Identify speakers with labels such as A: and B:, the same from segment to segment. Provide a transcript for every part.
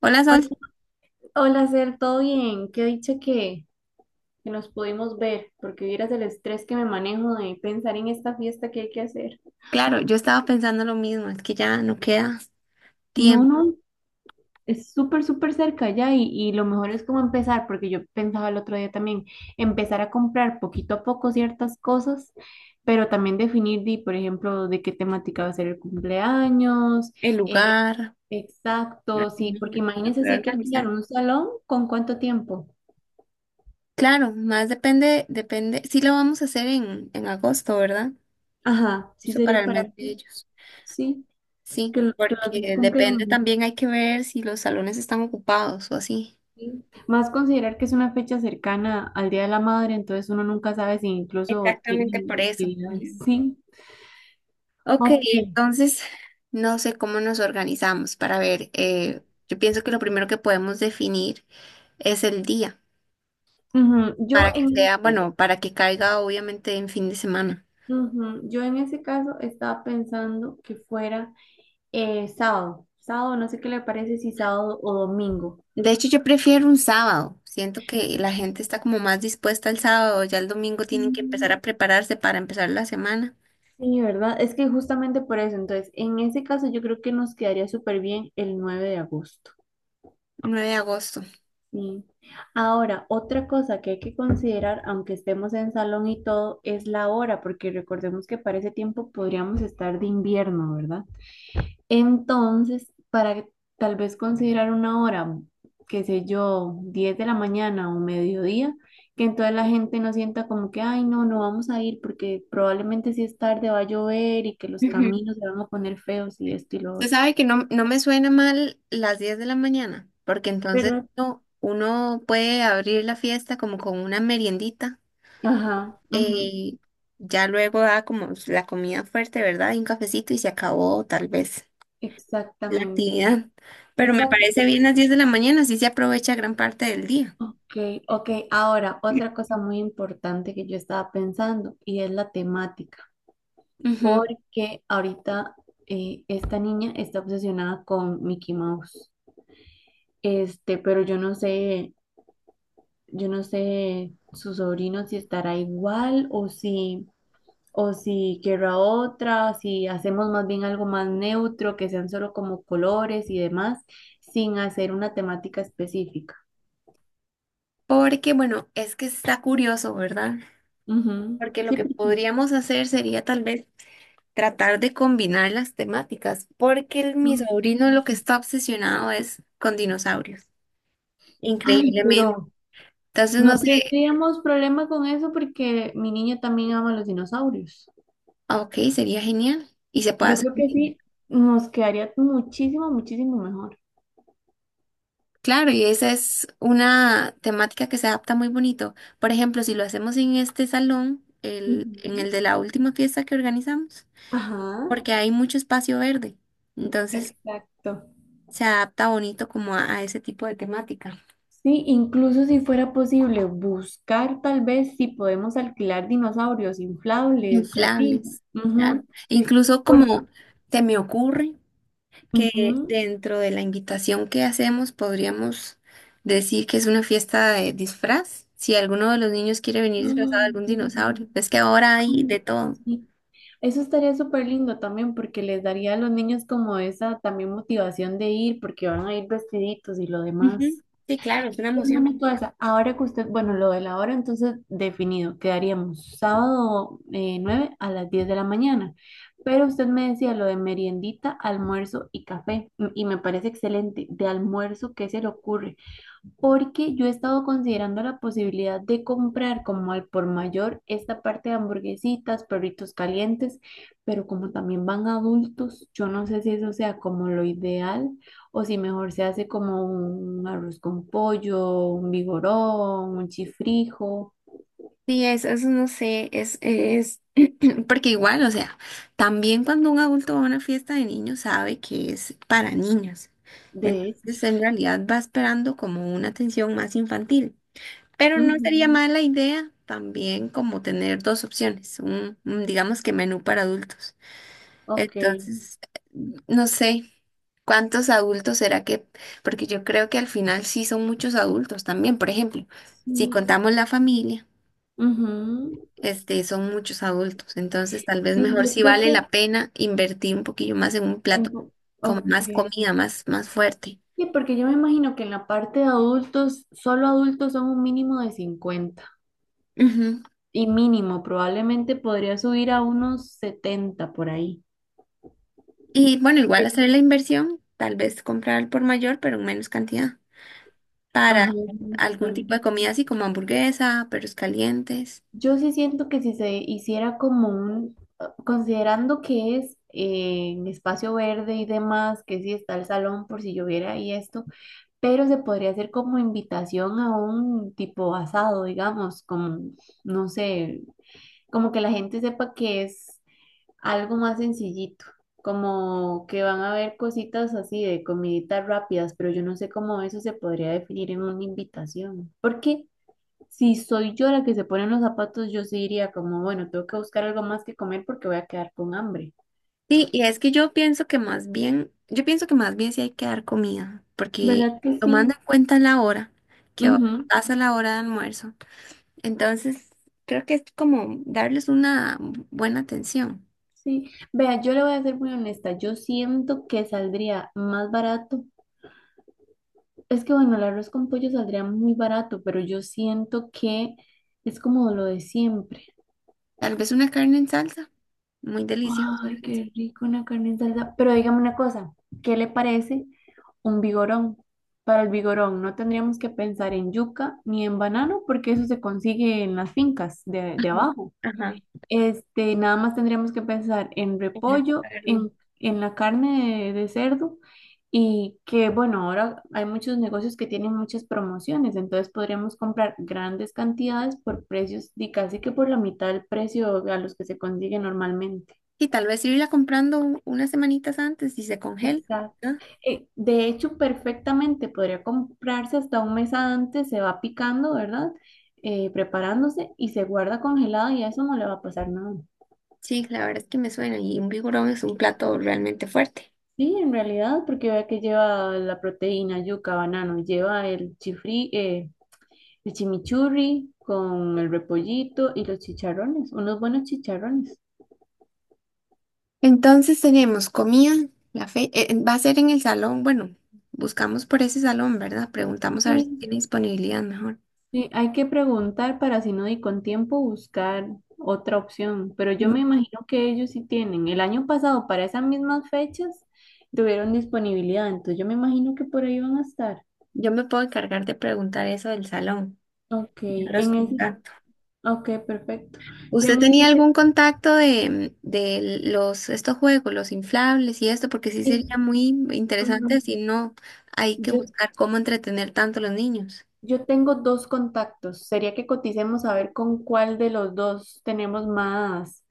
A: Hola
B: Hola,
A: Sol,
B: Hola, Cer, ¿todo bien? Qué dicha que nos pudimos ver, porque vieras el estrés que me manejo de pensar en esta fiesta que hay que hacer.
A: claro, yo estaba pensando lo mismo, es que ya no queda
B: No,
A: tiempo,
B: no, es súper, súper cerca ya y lo mejor es como empezar, porque yo pensaba el otro día también, empezar a comprar poquito a poco ciertas cosas, pero también definir, por ejemplo, de qué temática va a ser el cumpleaños.
A: el
B: eh,
A: lugar, la
B: exacto, sí, porque
A: comida, para
B: imagínense si
A: poder
B: hay que
A: organizar.
B: alquilar un salón, ¿con cuánto tiempo?
A: Claro, más depende, sí lo vamos a hacer en agosto, ¿verdad?
B: Ajá, sí
A: Eso para
B: sería
A: el mes
B: para.
A: de ellos.
B: Sí.
A: Sí,
B: Que los días
A: porque depende
B: cumplen.
A: también, hay que ver si los salones están ocupados o así.
B: ¿Sí? Más considerar que es una fecha cercana al Día de la Madre, entonces uno nunca sabe si incluso
A: Exactamente
B: tienen
A: por eso.
B: actividades.
A: Ujú.
B: Sí,
A: Ok,
B: ok.
A: entonces no sé cómo nos organizamos para ver, yo pienso que lo primero que podemos definir es el día,
B: Ujú.
A: para que sea, bueno, para que caiga obviamente en fin de semana.
B: Ujú, yo en ese caso estaba pensando que fuera sábado. Sábado, no sé qué le parece si sábado o domingo.
A: De hecho, yo prefiero un sábado. Siento que la gente está como más dispuesta el sábado, ya el domingo tienen que empezar
B: Mm,
A: a prepararse para empezar la semana.
B: sí, ¿verdad? Es que justamente por eso, entonces, en ese caso yo creo que nos quedaría súper bien el 9 de agosto.
A: 9 de agosto.
B: Sí. Ahora, otra cosa que hay que considerar, aunque estemos en salón y todo, es la hora, porque recordemos que para ese tiempo podríamos estar de invierno, ¿verdad? Entonces, para tal vez considerar una hora, qué sé yo, 10 de la mañana o mediodía, que entonces la gente no sienta como que, ay, no, no vamos a ir porque probablemente si es tarde va a llover y que los
A: Ujú.
B: caminos se van a poner feos y esto y lo
A: Usted
B: otro,
A: sabe que no, no me suena mal las 10 de la mañana, porque entonces
B: ¿verdad?
A: uno puede abrir la fiesta como con una meriendita,
B: Ajá, ujú,
A: eh, ya luego da como la comida fuerte, ¿verdad? Y un cafecito y se acabó tal vez la
B: exactamente.
A: actividad. Pero me
B: Exacto.
A: parece bien las 10 de la mañana, así se aprovecha gran parte del día.
B: Ok, ok. Ahora, otra cosa muy importante que yo estaba pensando y es la temática,
A: Ujú.
B: porque ahorita esta niña está obsesionada con Mickey Mouse. Este, pero yo no sé su sobrino si estará igual, o si querrá otra, si hacemos más bien algo más neutro, que sean solo como colores y demás, sin hacer una temática específica.
A: Porque, bueno, es que está curioso, ¿verdad?
B: Ujú,
A: Porque lo
B: sí,
A: que
B: porque.
A: podríamos hacer sería tal vez tratar de combinar las temáticas, porque mi
B: Ok.
A: sobrino lo que está obsesionado es con dinosaurios,
B: Ay,
A: increíblemente.
B: pero
A: Entonces, no
B: no
A: sé,
B: tendríamos problema con eso porque mi niño también ama los dinosaurios.
A: ok, sería genial y se puede
B: Yo
A: hacer.
B: creo que sí, nos quedaría muchísimo, muchísimo mejor.
A: Claro, y esa es una temática que se adapta muy bonito. Por ejemplo, si lo hacemos en este salón, en
B: Ujú.
A: el de la última fiesta que organizamos,
B: Ajá,
A: porque hay mucho espacio verde, entonces
B: exacto.
A: se adapta bonito como a ese tipo de temática.
B: Sí, incluso si fuera posible buscar tal vez si podemos alquilar dinosaurios inflables, así.
A: Inflables, claro.
B: Ujú.
A: Incluso,
B: Porque,
A: como se me ocurre que
B: Ujú.
A: dentro de la invitación que hacemos podríamos decir que es una fiesta de disfraz. Si alguno de los niños quiere venir
B: Ah,
A: disfrazado de algún
B: qué lindo.
A: dinosaurio, es que ahora hay
B: Ay,
A: de todo.
B: sí. Eso estaría súper lindo también porque les daría a los niños como esa también motivación de ir porque van a ir vestiditos y lo
A: Ujú.
B: demás.
A: Sí, claro, es una emoción.
B: Dígame una cosa, ahora que usted, bueno, lo de la hora entonces definido, quedaríamos sábado 9 a las 10 de la mañana, pero usted me decía lo de meriendita, almuerzo y café y me parece excelente. De almuerzo, ¿qué se le ocurre? Porque yo he estado considerando la posibilidad de comprar como al por mayor esta parte de hamburguesitas, perritos calientes. Pero como también van adultos, yo no sé si eso sea como lo ideal, o si mejor se hace como un arroz con pollo, un vigorón, un chifrijo.
A: Sí, eso no sé, porque igual, o sea, también cuando un adulto va a una fiesta de niños sabe que es para niños.
B: De hecho.
A: Entonces, en realidad va esperando como una atención más infantil. Pero no sería
B: Ujú,
A: mala idea también como tener dos opciones, digamos, que menú para adultos.
B: ok.
A: Entonces, no sé cuántos adultos será que, porque yo creo que al final sí son muchos adultos también. Por ejemplo, si
B: Sí,
A: contamos la familia,
B: ujú.
A: este, son muchos adultos. Entonces, tal vez
B: Sí,
A: mejor
B: yo
A: si
B: creo
A: vale
B: que,
A: la pena invertir un poquillo más en un plato
B: en-
A: con
B: ok.
A: más comida, más fuerte.
B: Sí, porque yo me imagino que en la parte de adultos, solo adultos son un mínimo de 50
A: Ujú.
B: y mínimo, probablemente podría subir a unos 70 por ahí.
A: Y bueno, igual
B: Porque
A: hacer la inversión, tal vez comprar al por mayor, pero en menos cantidad, para
B: Ajá,
A: algún tipo de
B: también.
A: comida así como hamburguesa, perros calientes.
B: Yo sí siento que si se hiciera considerando que es en espacio verde y demás, que sí está el salón por si lloviera y esto, pero se podría hacer como invitación a un tipo asado, digamos, como, no sé, como que la gente sepa que es algo más sencillito, como que van a haber cositas así de comiditas rápidas. Pero yo no sé cómo eso se podría definir en una invitación. Porque si soy yo la que se pone en los zapatos, yo sí diría como, bueno, tengo que buscar algo más que comer porque voy a quedar con hambre.
A: Sí, y es que yo pienso que más bien sí hay que dar comida, porque
B: ¿Verdad que
A: tomando
B: sí?
A: en cuenta la hora, que ahora
B: Ujú,
A: pasa la hora de almuerzo, entonces creo que es como darles una buena atención.
B: sí. Vea, yo le voy a ser muy honesta, yo siento que saldría más barato. Es que bueno, el arroz con pollo saldría muy barato, pero yo siento que es como lo de siempre.
A: Tal vez una carne en salsa, muy deliciosa.
B: Ay,
A: Es.
B: qué rico una carne en salsa. Pero dígame una cosa, ¿qué le parece un vigorón? Para el vigorón no tendríamos que pensar en yuca ni en banano porque eso se consigue en las fincas de
A: Ajá,
B: abajo.
A: ajá,
B: Este, nada más tendríamos que pensar en
A: la
B: repollo,
A: carne.
B: en la carne de cerdo. Y que, bueno, ahora hay muchos negocios que tienen muchas promociones, entonces podríamos comprar grandes cantidades por precios y casi que por la mitad del precio a los que se consigue normalmente.
A: Y tal vez irla comprando unas semanitas antes y se congela,
B: Exacto.
A: ¿no?
B: De hecho, perfectamente podría comprarse hasta un mes antes. Se va picando, ¿verdad? Preparándose y se guarda congelado y a eso no le va a pasar nada.
A: Sí, la verdad es que me suena, y un vigorón es un plato realmente fuerte.
B: Sí, en realidad, porque vea que lleva la proteína, yuca, banano, lleva el chifri, el chimichurri con el repollito y los chicharrones, unos buenos chicharrones.
A: Entonces tenemos comida, la fe, va a ser en el salón, bueno, buscamos por ese salón, ¿verdad? Preguntamos a ver si
B: Sí,
A: tiene disponibilidad mejor.
B: sí, hay que preguntar para si no di con tiempo buscar otra opción, pero yo
A: Yo
B: me imagino que ellos sí tienen. El año pasado, para esas mismas fechas, tuvieron disponibilidad, entonces yo me imagino que por ahí van a estar.
A: yo me puedo encargar de preguntar eso del salón,
B: Ok.
A: yo los contacto.
B: Ok, perfecto. Yo
A: ¿Usted
B: en
A: tenía
B: ese,
A: algún contacto de los, estos juegos, los inflables y esto? Porque sí
B: sí,
A: sería muy interesante
B: ujú.
A: si no hay que
B: Yo,
A: buscar cómo entretener tanto a los niños.
B: yo tengo dos contactos. Sería que coticemos a ver con cuál de los dos tenemos más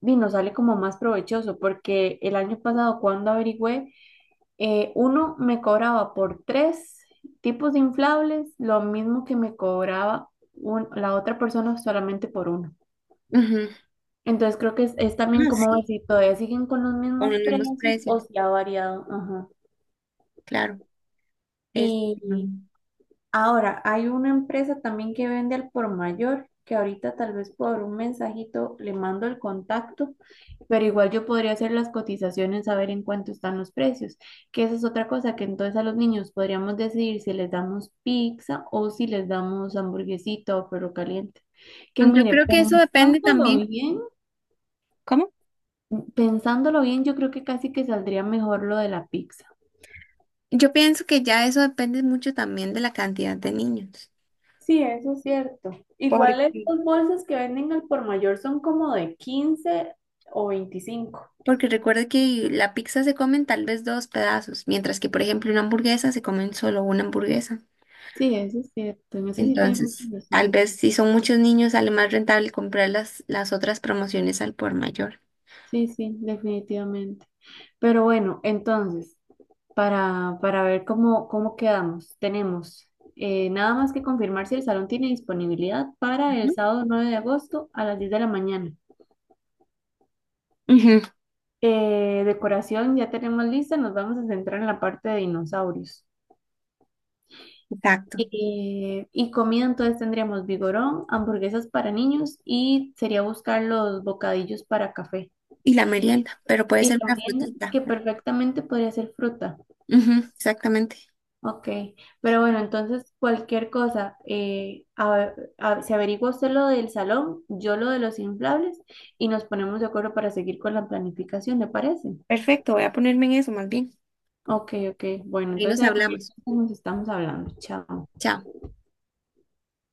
B: y nos sale como más provechoso, porque el año pasado cuando averigüé, uno me cobraba por tres tipos de inflables lo mismo que me cobraba la otra persona solamente por uno.
A: Ujú.
B: Entonces creo que es también
A: Ah,
B: como ver
A: sí,
B: si todavía siguen con los
A: con
B: mismos
A: los mismos
B: precios o
A: precios,
B: si ha variado. Ajá.
A: claro. Es,
B: Y
A: mm,
B: Ahora, hay una empresa también que vende al por mayor, que ahorita tal vez por un mensajito le mando el contacto, pero igual yo podría hacer las cotizaciones, saber en cuánto están los precios, que esa es otra cosa, que entonces a los niños podríamos decidir si les damos pizza o si les damos hamburguesita o perro caliente. Que
A: yo
B: mire,
A: creo que eso depende también. ¿Cómo?
B: pensándolo bien, yo creo que casi que saldría mejor lo de la pizza.
A: Yo pienso que ya eso depende mucho también de la cantidad de niños.
B: Sí, eso es cierto.
A: Porque
B: Igual estas bolsas que venden al por mayor son como de 15 o 25.
A: Porque recuerda que la pizza se comen tal vez dos pedazos, mientras que, por ejemplo, una hamburguesa se comen solo una hamburguesa.
B: Sí, eso es cierto. En eso sí tiene mucha
A: Entonces, tal
B: razón.
A: vez si son muchos niños, sale más rentable comprar las otras promociones al por mayor.
B: Sí, sí, definitivamente. Pero bueno, entonces, para ver cómo quedamos, tenemos nada más que confirmar si el salón tiene disponibilidad para el
A: Ujú,
B: sábado 9 de agosto a las 10 de la mañana.
A: ujú,
B: Decoración ya tenemos lista, nos vamos a centrar en la parte de dinosaurios.
A: exacto.
B: Y comida, entonces tendríamos vigorón, hamburguesas para niños y sería buscar los bocadillos para café.
A: Y la merienda, pero puede
B: Y
A: ser
B: la
A: una
B: merienda,
A: frutita.
B: que perfectamente podría ser fruta.
A: Ujú, exactamente.
B: Ok, pero bueno, entonces cualquier cosa, se averigua usted lo del salón, yo lo de los inflables y nos ponemos de acuerdo para seguir con la planificación, ¿le parece?
A: Perfecto, voy a ponerme en eso más bien.
B: Ok, ok, bueno,
A: Ahí
B: entonces
A: nos
B: ahí cualquier
A: hablamos.
B: cosa nos estamos hablando. Chao.
A: Chao.